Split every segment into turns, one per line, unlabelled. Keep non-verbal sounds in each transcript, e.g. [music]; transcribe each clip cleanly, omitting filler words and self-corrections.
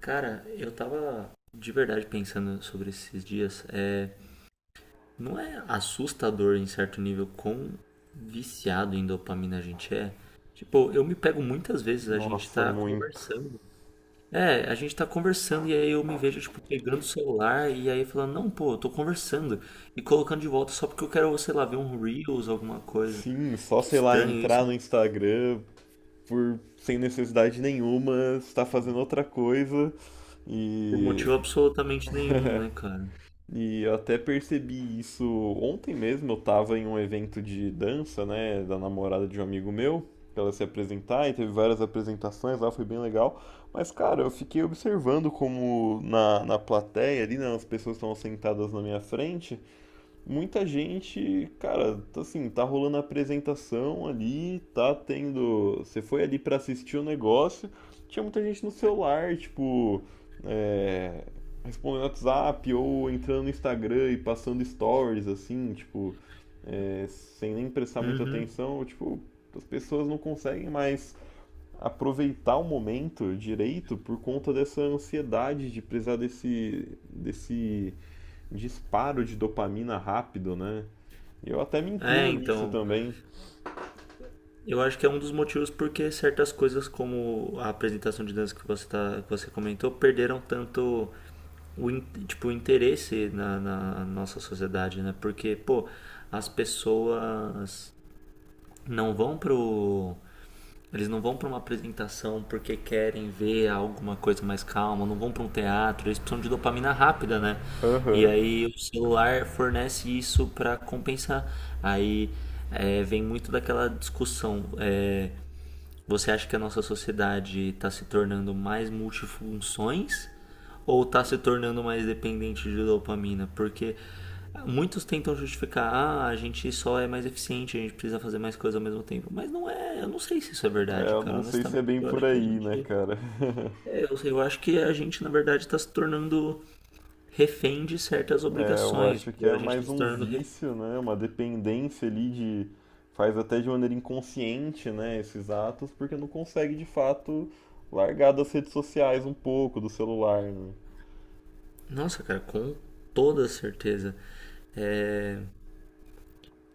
Cara, eu tava de verdade pensando sobre esses dias. É, não é assustador em certo nível quão viciado em dopamina a gente é? Tipo, eu me pego muitas vezes, a gente
Nossa,
tá
muito.
conversando. É, a gente tá conversando e aí eu me vejo, tipo, pegando o celular e aí falando, não, pô, eu tô conversando. E colocando de volta só porque eu quero, sei lá, ver um Reels, alguma coisa.
Sim, só
Que
sei lá,
estranho
entrar
isso,
no
né?
Instagram por sem necessidade nenhuma, estar fazendo outra coisa.
Por
E,
motivo absolutamente nenhum, né, cara?
e eu até percebi isso ontem mesmo. Eu tava em um evento de dança, né, da namorada de um amigo meu, pra ela se apresentar, e teve várias apresentações lá, foi bem legal. Mas, cara, eu fiquei observando como na plateia ali, né, as pessoas estavam sentadas na minha frente. Muita gente, cara, tá assim, tá rolando a apresentação ali, tá tendo. Você foi ali pra assistir o negócio, tinha muita gente no celular, tipo, é, respondendo WhatsApp ou entrando no Instagram e passando stories, assim, tipo, sem nem prestar muita
Uhum.
atenção, tipo, as pessoas não conseguem mais aproveitar o momento direito por conta dessa ansiedade de precisar desse disparo de dopamina rápido, né? E eu até me
É,
incluo nisso
então.
também.
Eu acho que é um dos motivos porque certas coisas como a apresentação de dança tá, que você comentou perderam tanto o, in- tipo, o interesse na nossa sociedade, né? Porque, pô, as pessoas não vão pro... Eles não vão para uma apresentação porque querem ver alguma coisa mais calma, não vão para um teatro, eles precisam de dopamina rápida, né? E
Aham.
aí o celular fornece isso para compensar. Aí vem muito daquela discussão. Você acha que a nossa sociedade está se tornando mais multifunções ou está se tornando mais dependente de dopamina? Porque muitos tentam justificar, ah, a gente só é mais eficiente, a gente precisa fazer mais coisas ao mesmo tempo. Mas não é, eu não sei se isso é
É,
verdade,
eu
cara.
não sei se é
Honestamente,
bem
eu
por
acho que a
aí, né,
gente,
cara? [laughs]
é, eu, sei, eu acho que a gente na verdade está se tornando refém de certas
É, eu
obrigações.
acho que
Tipo,
é
a gente está
mais
se
um
tornando, re-.
vício, né? Uma dependência ali de. Faz até de maneira inconsciente, né? Esses atos, porque não consegue de fato largar das redes sociais um pouco, do celular, né?
Nossa, cara, com toda certeza. É,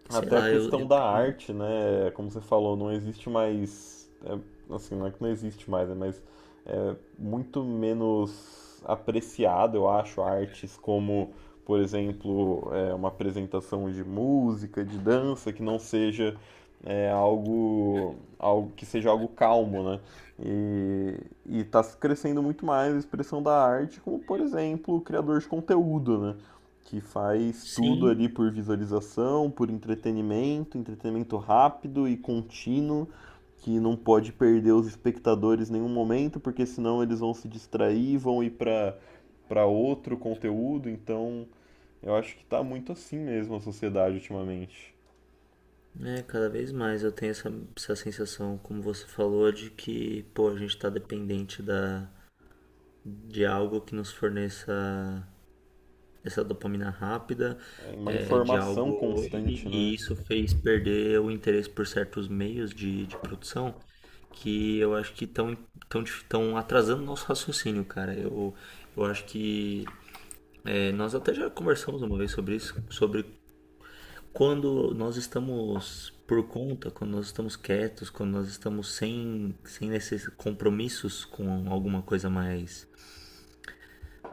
sei
Até a
lá, eu,
questão
eu
da
tenho,
arte, né? Como você falou, não existe mais. Assim, não é que não existe mais, né? Mas é muito menos apreciado, eu acho, artes como, por exemplo, uma apresentação de música, de dança, que não seja algo que seja algo calmo, né? E está crescendo muito mais a expressão da arte, como, por exemplo, o criador de conteúdo, né? Que faz tudo
sim.
ali por visualização, por entretenimento, entretenimento rápido e contínuo, que não pode perder os espectadores em nenhum momento, porque senão eles vão se distrair, vão ir para outro conteúdo, então eu acho que tá muito assim mesmo a sociedade ultimamente.
É, cada vez mais eu tenho essa sensação, como você falou, de que, pô, a gente tá dependente de algo que nos forneça essa dopamina rápida,
É uma
de
informação
algo.
constante,
E,
né?
e isso fez perder o interesse por certos meios de produção que eu acho que estão tão atrasando o nosso raciocínio, cara. Eu acho que. Nós até já conversamos uma vez sobre isso, sobre quando nós estamos por conta, quando nós estamos quietos, quando nós estamos sem esses compromissos com alguma coisa mais,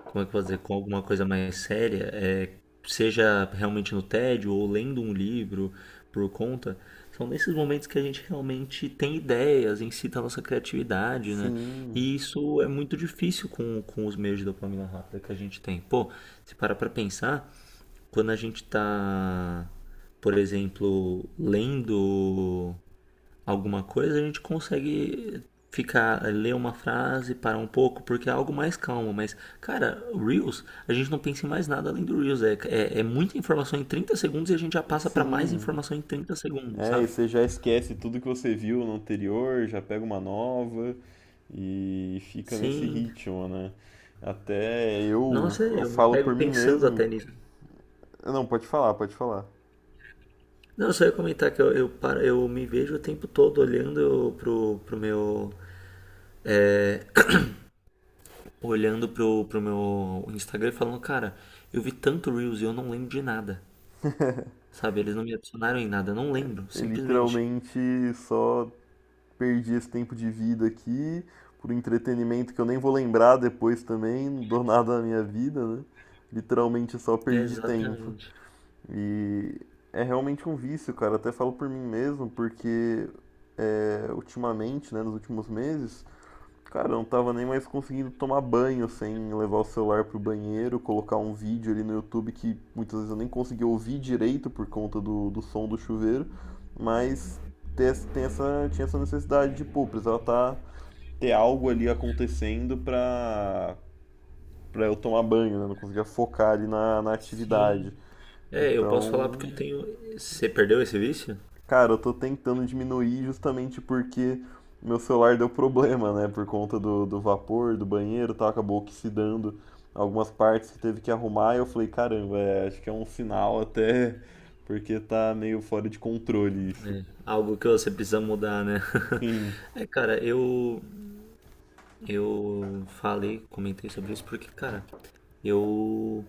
como é que eu vou dizer, com alguma coisa mais séria, seja realmente no tédio ou lendo um livro por conta, são nesses momentos que a gente realmente tem ideias, incita a nossa criatividade, né?
Sim,
E isso é muito difícil com os meios de dopamina rápida que a gente tem. Pô, se parar pra pensar, quando a gente está, por exemplo, lendo alguma coisa, a gente consegue ficar, ler uma frase, parar um pouco, porque é algo mais calmo. Mas, cara, Reels, a gente não pensa em mais nada além do Reels. É muita informação em 30 segundos e a gente já passa para mais
sim.
informação em 30 segundos,
É, e
sabe?
você já esquece tudo que você viu no anterior, já pega uma nova e fica nesse
Sim.
ritmo, né? Até eu,
Nossa, é,
eu
eu me
falo por
pego
mim
pensando
mesmo.
até nisso.
Não, pode falar, pode falar.
Não, eu só ia comentar que eu me vejo o tempo todo é, olhando pro meu Instagram e falando, cara, eu vi tanto Reels e eu não lembro de nada. Sabe? Eles não me adicionaram em nada, eu não lembro,
Eu
simplesmente.
literalmente só perdi esse tempo de vida aqui por entretenimento que eu nem vou lembrar depois também, não dou [laughs] nada na minha vida, né? Literalmente só
É
perdi tempo.
exatamente.
E é realmente um vício, cara. Até falo por mim mesmo, porque ultimamente, né, nos últimos meses, cara, eu não tava nem mais conseguindo tomar banho sem levar o celular pro banheiro, colocar um vídeo ali no YouTube que muitas vezes eu nem conseguia ouvir direito por conta do som do chuveiro, mas tem essa, tinha essa necessidade de, pô, precisava tá, ter algo ali acontecendo pra, pra eu tomar banho, né? Não conseguia focar ali na
Sim.
atividade.
É, eu posso falar
Então,
porque eu tenho. Você perdeu esse vício?
cara, eu tô tentando diminuir justamente porque meu celular deu problema, né? Por conta do vapor, do banheiro, tá? Acabou oxidando algumas partes que teve que arrumar. E eu falei, caramba, é, acho que é um sinal até, porque tá meio fora de controle isso.
Algo que você precisa mudar, né? [laughs]
Sim,
É, cara, eu falei, comentei sobre isso porque, cara, eu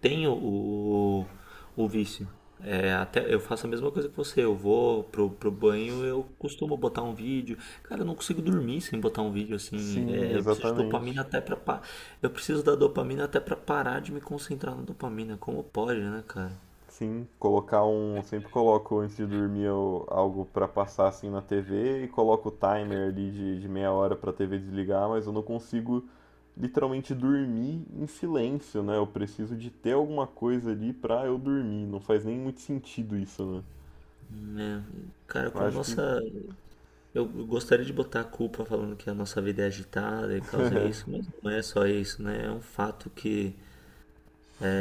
tenho o vício. É, até eu faço a mesma coisa que você. Eu vou pro banho, eu costumo botar um vídeo. Cara, eu não consigo dormir sem botar um vídeo assim.
sim,
É, eu preciso de dopamina
exatamente.
até pra. Eu preciso da dopamina até pra parar de me concentrar na dopamina. Como pode, né, cara?
Sim, colocar um. Sempre coloco antes de dormir algo pra passar assim na TV e coloco o timer ali de meia hora pra TV desligar, mas eu não consigo literalmente dormir em silêncio, né? Eu preciso de ter alguma coisa ali pra eu dormir. Não faz nem muito sentido isso, né?
Né? Cara,
Eu
como
acho que
nossa. Eu gostaria de botar a culpa falando que a nossa vida é agitada e causa isso, mas não é só isso, né? É um fato que.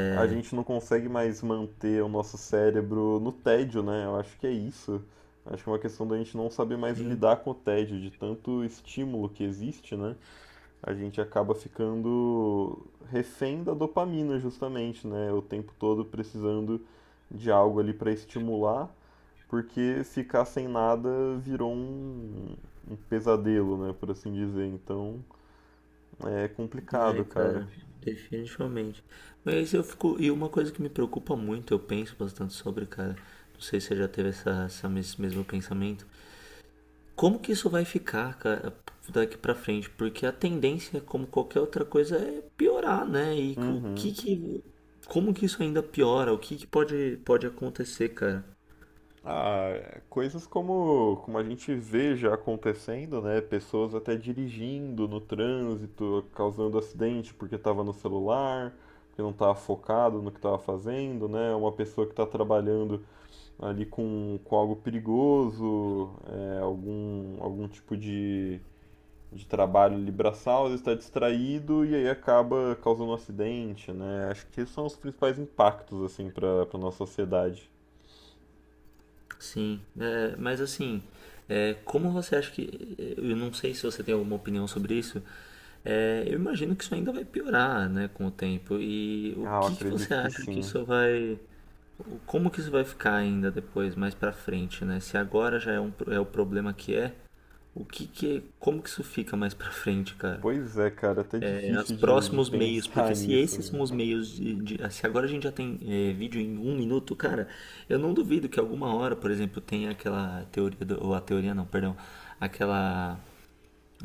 a gente não consegue mais manter o nosso cérebro no tédio, né? Eu acho que é isso. Acho que é uma questão da gente não saber mais lidar com o tédio, de tanto estímulo que existe, né? A gente acaba ficando refém da dopamina, justamente, né? O tempo todo precisando de algo ali para estimular, porque ficar sem nada virou um pesadelo, né? Por assim dizer. Então é complicado,
É,
cara.
cara, definitivamente. Mas eu fico. E uma coisa que me preocupa muito, eu penso bastante sobre, cara. Não sei se você já teve esse mesmo pensamento. Como que isso vai ficar, cara, daqui pra frente? Porque a tendência, como qualquer outra coisa, é piorar, né? E o que
Uhum.
que. Como que isso ainda piora? O que que pode acontecer, cara?
Ah, coisas como, como a gente vê já acontecendo, né? Pessoas até dirigindo no trânsito, causando acidente porque estava no celular, porque não estava focado no que estava fazendo, né? Uma pessoa que está trabalhando ali com algo perigoso, algum tipo de trabalho ali braçal, ele está distraído e aí acaba causando um acidente, né? Acho que esses são os principais impactos, assim, para nossa sociedade.
Sim, mas assim, como você acha que. Eu não sei se você tem alguma opinião sobre isso. Eu imagino que isso ainda vai piorar, né, com o tempo. E o
Ah, eu
que que você
acredito que
acha que
sim.
isso vai. Como que isso vai ficar ainda depois, mais pra frente, né? Se agora já é o problema que é, o que que. Como que isso fica mais pra frente, cara?
Pois é, cara, até
É, os
difícil de
próximos meios, porque
pensar [laughs]
se
nisso,
esses
né?
são os meios se agora a gente já tem vídeo em um minuto, cara, eu não duvido que alguma hora, por exemplo, tenha aquela teoria do, ou a teoria não, perdão, aquela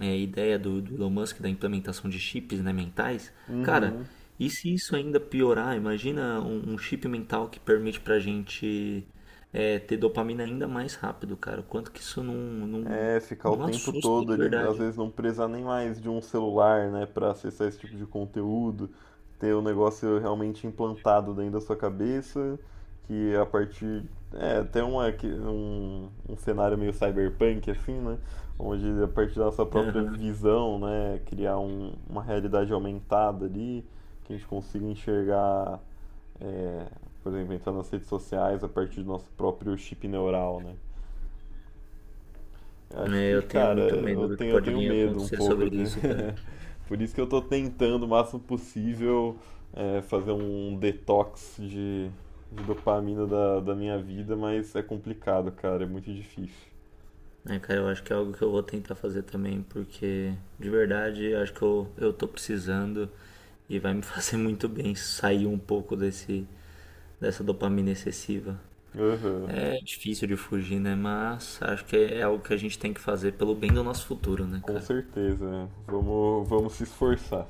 ideia do Elon Musk da implementação de chips, né, mentais, cara,
Uhum.
e se isso ainda piorar, imagina um chip mental que permite pra gente ter dopamina ainda mais rápido, cara, o quanto que isso não, não,
É, ficar o
não
tempo
assusta,
todo
de
ali, às
verdade.
vezes não precisar nem mais de um celular, né, pra acessar esse tipo de conteúdo, ter o negócio realmente implantado dentro da sua cabeça, que a partir. É, até um cenário meio cyberpunk, assim, né? Onde a partir da nossa própria
Aham.
visão, né, criar uma realidade aumentada ali, que a gente consiga enxergar. É, por exemplo, entrar nas redes sociais a partir do nosso próprio chip neural, né? Eu acho
É,
que,
eu tenho
cara,
muito medo do que
eu
pode
tenho
vir a
medo um
acontecer
pouco
sobre
de.
isso, cara.
[laughs] Por isso que eu tô tentando o máximo possível fazer um detox de dopamina da minha vida, mas é complicado, cara, é muito difícil.
É, cara, eu acho que é algo que eu vou tentar fazer também, porque de verdade eu acho que eu tô precisando e vai me [laughs] fazer muito bem sair um pouco dessa dopamina excessiva.
Aham.
É difícil de fugir, né? Mas acho que é algo que a gente tem que fazer pelo bem do nosso futuro, né,
Com
cara?
certeza, né? Vamos, vamos se esforçar.